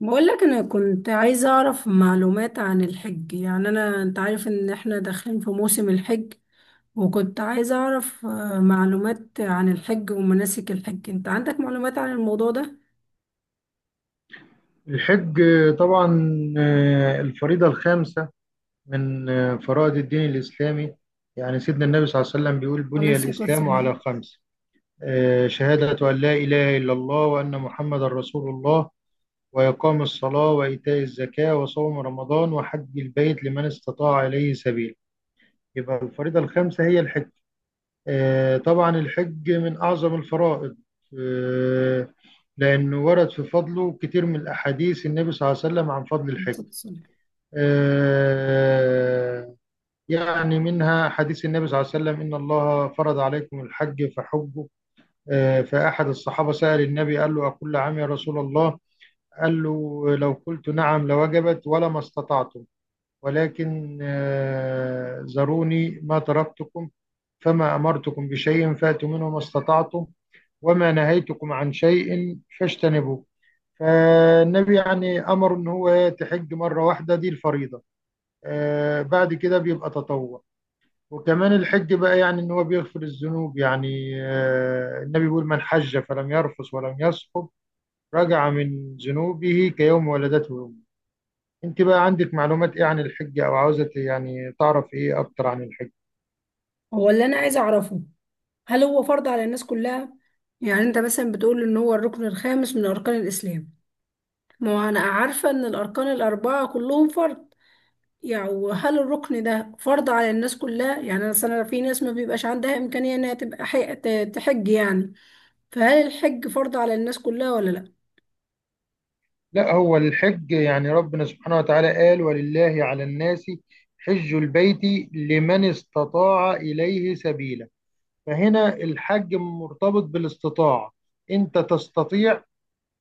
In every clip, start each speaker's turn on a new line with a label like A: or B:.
A: بقول لك انا كنت عايزه اعرف معلومات عن الحج. يعني انت عارف ان احنا داخلين في موسم الحج. وكنت عايزه اعرف معلومات عن الحج ومناسك الحج. انت عندك معلومات عن الموضوع ده؟
B: الحج طبعا. الفريضة الخامسة من فرائض الدين الإسلامي. يعني سيدنا النبي صلى الله عليه وسلم بيقول
A: عليه
B: بني
A: الصلاه
B: الإسلام
A: والسلام، عليه
B: على خمس، شهادة أن لا إله إلا الله وأن محمد رسول الله، وإقام الصلاة وإيتاء الزكاة وصوم رمضان وحج البيت لمن استطاع إليه سبيل. يبقى الفريضة الخامسة هي الحج. طبعا الحج من أعظم الفرائض، آه، لأنه ورد في فضله كتير من الأحاديث النبي صلى الله عليه وسلم عن فضل الحج.
A: الصلاة والسلام.
B: آه، يعني منها حديث النبي صلى الله عليه وسلم إن الله فرض عليكم الحج فحجوا. فأحد الصحابة سأل النبي قال له أكل عام يا رسول الله؟ قال له لو قلت نعم لوجبت ولا ما استطعتم، ولكن ذروني ما تركتكم، فما أمرتكم بشيء فأتوا منه ما استطعتم، وما نهيتكم عن شيء فاجتنبوه. فالنبي يعني أمر إن هو تحج مرة واحدة دي الفريضة. بعد كده بيبقى تطوع. وكمان الحج بقى يعني ان هو بيغفر الذنوب. يعني النبي بيقول من حج فلم يرفث ولم يسقط رجع من ذنوبه كيوم ولدته امه. انت بقى عندك معلومات ايه عن الحج او عاوزة يعني تعرف ايه اكتر عن الحج؟
A: هو اللي انا عايزه اعرفه، هل هو فرض على الناس كلها؟ يعني انت مثلا بتقول ان هو الركن الخامس من اركان الاسلام. ما هو انا عارفه ان الاركان الاربعه كلهم فرض. يعني وهل الركن ده فرض على الناس كلها؟ يعني مثلا في ناس ما بيبقاش عندها إمكانية إنها تبقى تحج يعني. فهل الحج فرض على الناس كلها ولا لأ؟
B: لا، هو الحج يعني ربنا سبحانه وتعالى قال ولله على الناس حج البيت لمن استطاع اليه سبيلا. فهنا الحج مرتبط بالاستطاعة. انت تستطيع،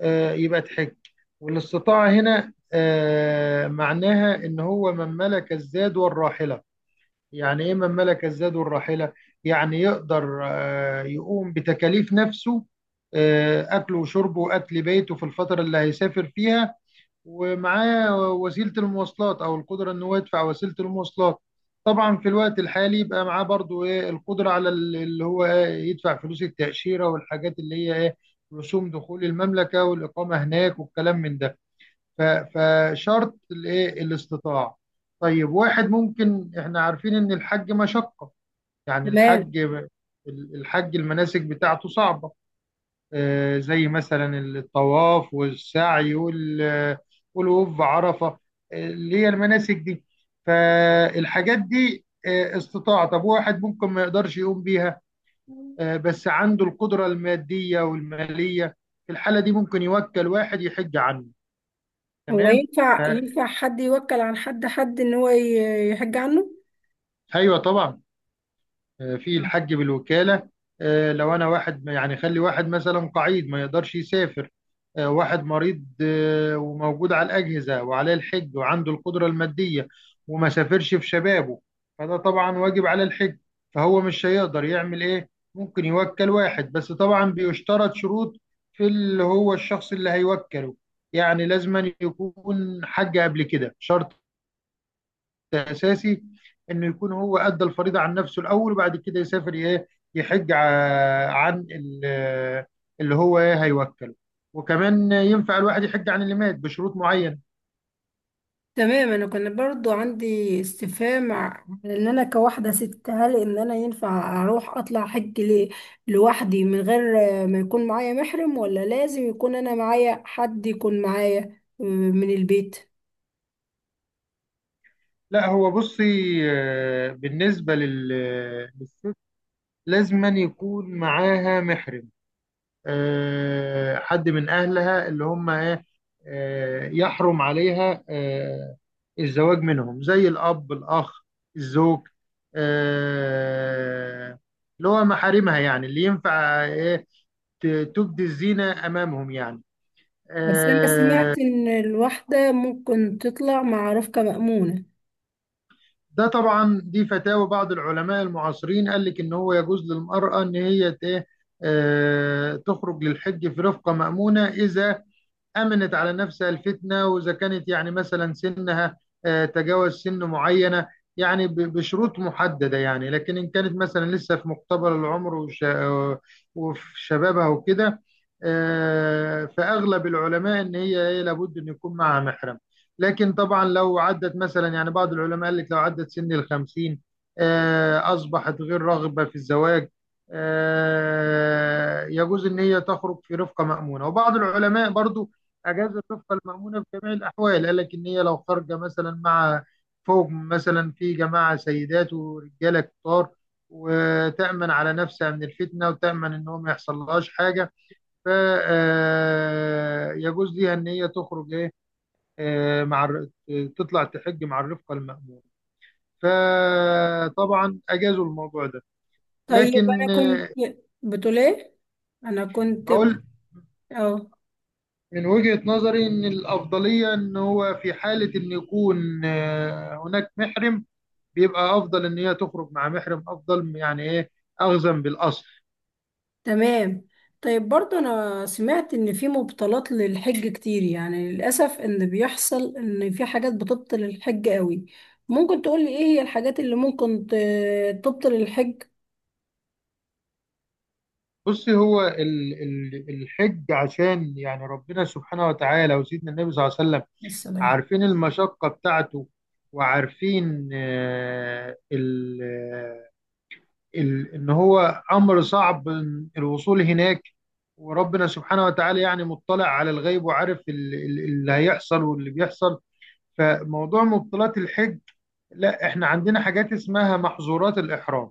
B: يبقى تحج. والاستطاعة هنا معناها إن هو من ملك الزاد والراحلة. يعني إيه من ملك الزاد والراحلة؟ يعني يقدر يقوم بتكاليف نفسه، أكله وشربه وأكل بيته في الفترة اللي هيسافر فيها، ومعاه وسيلة المواصلات أو القدرة إن هو يدفع وسيلة المواصلات. طبعا في الوقت الحالي يبقى معاه برضو إيه القدرة على اللي هو إيه يدفع فلوس التأشيرة والحاجات اللي هي إيه رسوم دخول المملكة والإقامة هناك والكلام من ده. ف- فشرط الإيه الاستطاعة. طيب واحد ممكن إحنا عارفين إن الحج مشقة. يعني
A: تمام.
B: الحج المناسك بتاعته صعبة، زي مثلا الطواف والسعي والوقوف بعرفة، اللي هي المناسك دي. فالحاجات دي استطاعة. طب واحد ممكن ما يقدرش يقوم بيها، بس عنده القدرة المادية والمالية، في الحالة دي ممكن يوكل واحد يحج عنه.
A: هو
B: تمام.
A: ينفع،
B: ف-
A: حد يوكل عن حد، إن هو يحج عنه؟
B: ايوه طبعا، في
A: نعم.
B: الحج بالوكالة. لو أنا واحد يعني، خلي واحد مثلا قعيد ما يقدرش يسافر، واحد مريض وموجود على الأجهزة وعليه الحج وعنده القدرة المادية وما سافرش في شبابه، فده طبعا واجب على الحج. فهو مش هيقدر يعمل إيه؟ ممكن يوكل واحد، بس طبعا بيشترط شروط في اللي هو الشخص اللي هيوكله. يعني لازم أن يكون حج قبل كده، شرط اساسي انه يكون هو ادى الفريضه عن نفسه الاول وبعد كده يسافر ايه يحج عن اللي هو ايه هيوكله. وكمان ينفع الواحد يحج عن اللي مات بشروط معينه.
A: تمام. أنا كان برضو عندي استفهام على إن أنا كواحدة ست، هل إن أنا ينفع أروح أطلع حج لوحدي من غير ما يكون معايا محرم؟ ولا لازم يكون أنا معايا حد، يكون معايا من البيت؟
B: لا، هو بصي، بالنسبه للست لازما يكون معاها محرم، حد من أهلها اللي هم إيه يحرم عليها الزواج منهم، زي الأب الأخ الزوج، آه، اللي هو محارمها، يعني اللي ينفع إيه ت- تبدي الزينة أمامهم يعني.
A: بس أنا
B: آه،
A: سمعت إن الواحدة ممكن تطلع مع رفقة مأمونة.
B: ده طبعا دي فتاوى بعض العلماء المعاصرين، قال لك إن هو يجوز للمرأة إن هي إيه تخرج للحج في رفقة مأمونة إذا امنت على نفسها الفتنه، واذا كانت يعني مثلا سنها تجاوز سن معينه، يعني بشروط محدده يعني. لكن ان كانت مثلا لسه في مقتبل العمر وفي شبابها وكده، فاغلب العلماء ان هي إيه، لابد ان يكون معها محرم. لكن طبعا لو عدت مثلا، يعني بعض العلماء قال لك لو عدت سن الخمسين اصبحت غير راغبه في الزواج، يجوز ان هي تخرج في رفقه مأمونه. وبعض العلماء برضو اجازه تبقى المامونه في جميع الاحوال، قال لك ان هي لو خارجه مثلا مع فوق مثلا في جماعه سيدات ورجاله كتار وتامن على نفسها من الفتنه وتامن ان هو ما يحصلهاش حاجه، ف يجوز ليها ان هي تخرج ايه آه، مع الر- تطلع تحج مع الرفقه المامونه. فطبعا اجازوا الموضوع ده.
A: طيب أنا
B: لكن
A: كنت. بتقول إيه؟ أنا كنت.
B: بقول
A: أه،
B: من وجهة نظري ان الافضليه ان هو في حاله ان يكون هناك محرم بيبقى افضل. ان هي تخرج مع محرم افضل، يعني ايه اخذا بالاصل.
A: تمام. طيب، برضه أنا سمعت إن في مبطلات للحج كتير، يعني للأسف إن بيحصل إن في حاجات بتبطل الحج قوي. ممكن تقولي إيه هي الحاجات اللي ممكن تبطل الحج؟
B: بصي هو الحج عشان يعني ربنا سبحانه وتعالى وسيدنا النبي صلى الله عليه وسلم
A: السلام.
B: عارفين المشقة بتاعته وعارفين ال ان هو امر صعب الوصول هناك، وربنا سبحانه وتعالى يعني مطلع على الغيب وعارف اللي هيحصل واللي بيحصل. فموضوع مبطلات الحج، لا احنا عندنا حاجات اسمها محظورات الإحرام.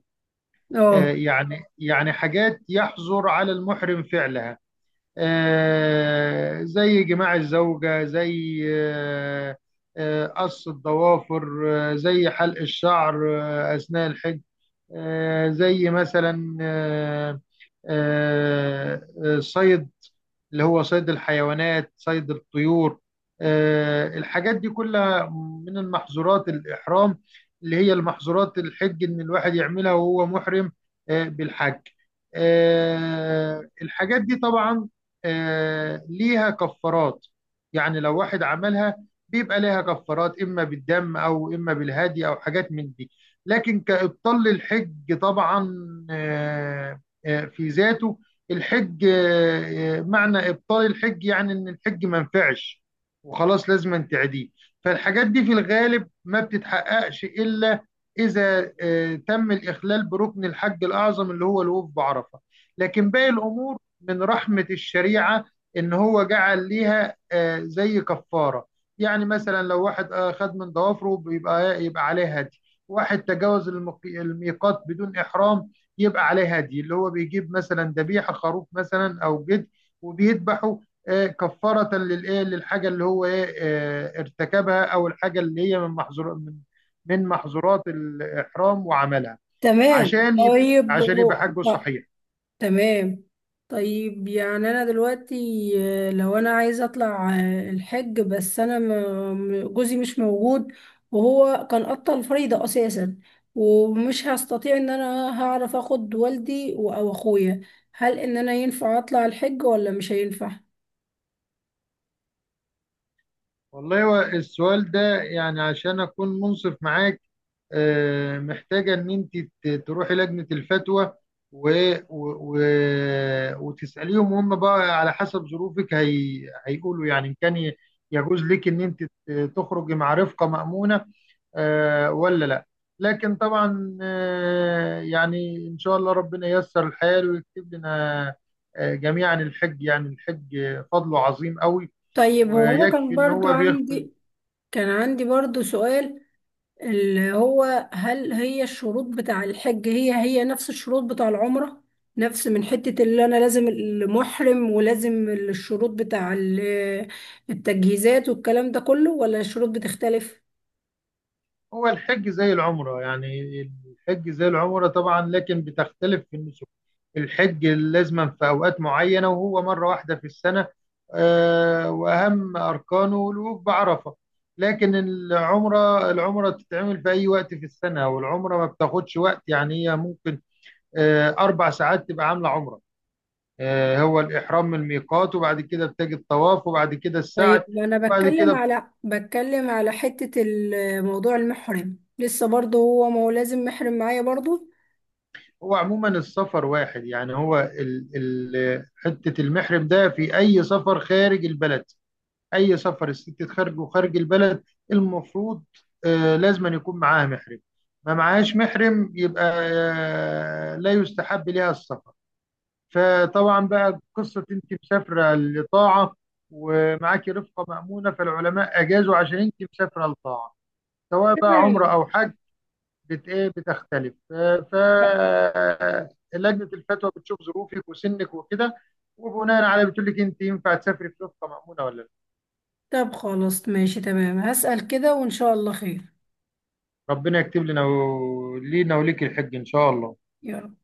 A: أه.
B: يعني حاجات يحظر على المحرم فعلها، زي جماع الزوجة، زي قص الضوافر، زي حلق الشعر أثناء الحج، زي مثلا صيد، اللي هو صيد الحيوانات صيد الطيور. الحاجات دي كلها من المحظورات الإحرام، اللي هي المحظورات الحج إن الواحد يعملها وهو محرم بالحج. الحاجات دي طبعا ليها كفارات. يعني لو واحد عملها بيبقى ليها كفارات إما بالدم أو إما بالهدي أو حاجات من دي. لكن كإبطال للحج طبعا في ذاته الحج، معنى إبطال الحج يعني إن الحج ما نفعش وخلاص لازم تعيديه. فالحاجات دي في الغالب ما بتتحققش إلا إذا تم الإخلال بركن الحج الأعظم اللي هو الوقوف بعرفة. لكن باقي الأمور من رحمة الشريعة إن هو جعل ليها زي كفارة. يعني مثلا لو واحد أخذ من ضوافره بيبقى عليه هدي. واحد تجاوز الميقات بدون إحرام يبقى عليه هدي، اللي هو بيجيب مثلا ذبيحة خروف مثلا أو جد وبيذبحه كفارة للإيه للحاجة اللي هو إيه ارتكبها، أو الحاجة اللي هي من محظور من محظورات الإحرام وعملها.
A: تمام.
B: عشان يبقى
A: طيب.
B: عشان يبقى حجه صحيح.
A: تمام. طيب، يعني انا دلوقتي، لو انا عايزه اطلع الحج، بس انا جوزي مش موجود، وهو كان قطع الفريضه اساسا، ومش هستطيع ان انا هعرف اخد والدي او اخويا. هل ان انا ينفع اطلع الحج ولا مش هينفع؟
B: والله هو السؤال ده يعني عشان أكون منصف معاك محتاجة إن أنت تروحي لجنة الفتوى و... و... و... وتسأليهم، وهم بقى على حسب ظروفك هيقولوا يعني إن كان يجوز لك إن أنت تخرجي مع رفقة مأمونة ولا لا. لكن طبعا يعني إن شاء الله ربنا ييسر الحال ويكتب لنا جميعا الحج. يعني الحج فضله عظيم قوي،
A: طيب هو انا
B: ويكفي إن هو بيغفر.
A: كان عندي برضو سؤال، اللي هو هل هي الشروط بتاع الحج هي نفس الشروط بتاع العمرة؟ نفس من حتة اللي أنا لازم المحرم، ولازم الشروط بتاع التجهيزات والكلام ده كله، ولا الشروط بتختلف؟
B: هو الحج زي العمرة يعني، الحج زي العمرة طبعا، لكن بتختلف في النسك. الحج لازما في أوقات معينة وهو مرة واحدة في السنة، وأهم أركانه الوقوف بعرفة. لكن العمرة، بتتعمل في أي وقت في السنة، والعمرة ما بتاخدش وقت. يعني هي ممكن أربع ساعات تبقى عاملة عمرة. هو الإحرام من الميقات، وبعد كده بتجي الطواف، وبعد كده السعي
A: طيب أنا
B: وبعد
A: بتكلم
B: كده.
A: على بتكلم على حتة موضوع المحرم، لسه برضه هو ما هو لازم محرم معايا برضه.
B: هو عموما السفر واحد، يعني هو ال حتة المحرم ده في أي سفر خارج البلد. أي سفر الست تخرجه خارج وخارج البلد المفروض آه لازم أن يكون معاها محرم. ما معاهاش محرم يبقى آه لا يستحب لها السفر. فطبعا بقى قصة أنت مسافرة لطاعة ومعاكي رفقة مأمونة، فالعلماء أجازوا عشان أنت مسافرة لطاعة، سواء بقى عمرة
A: تمام.
B: أو حج. بت ايه بتختلف. ف لجنه الفتوى بتشوف ظروفك وسنك وكده، وبناء عليه بتقول لك انت ينفع تسافري في وفقه مأمونه ولا لا.
A: طب خلاص ماشي. تمام. هسأل كده وإن شاء الله خير.
B: ربنا يكتب لنا ولينا وليك الحج ان شاء الله.
A: يلا.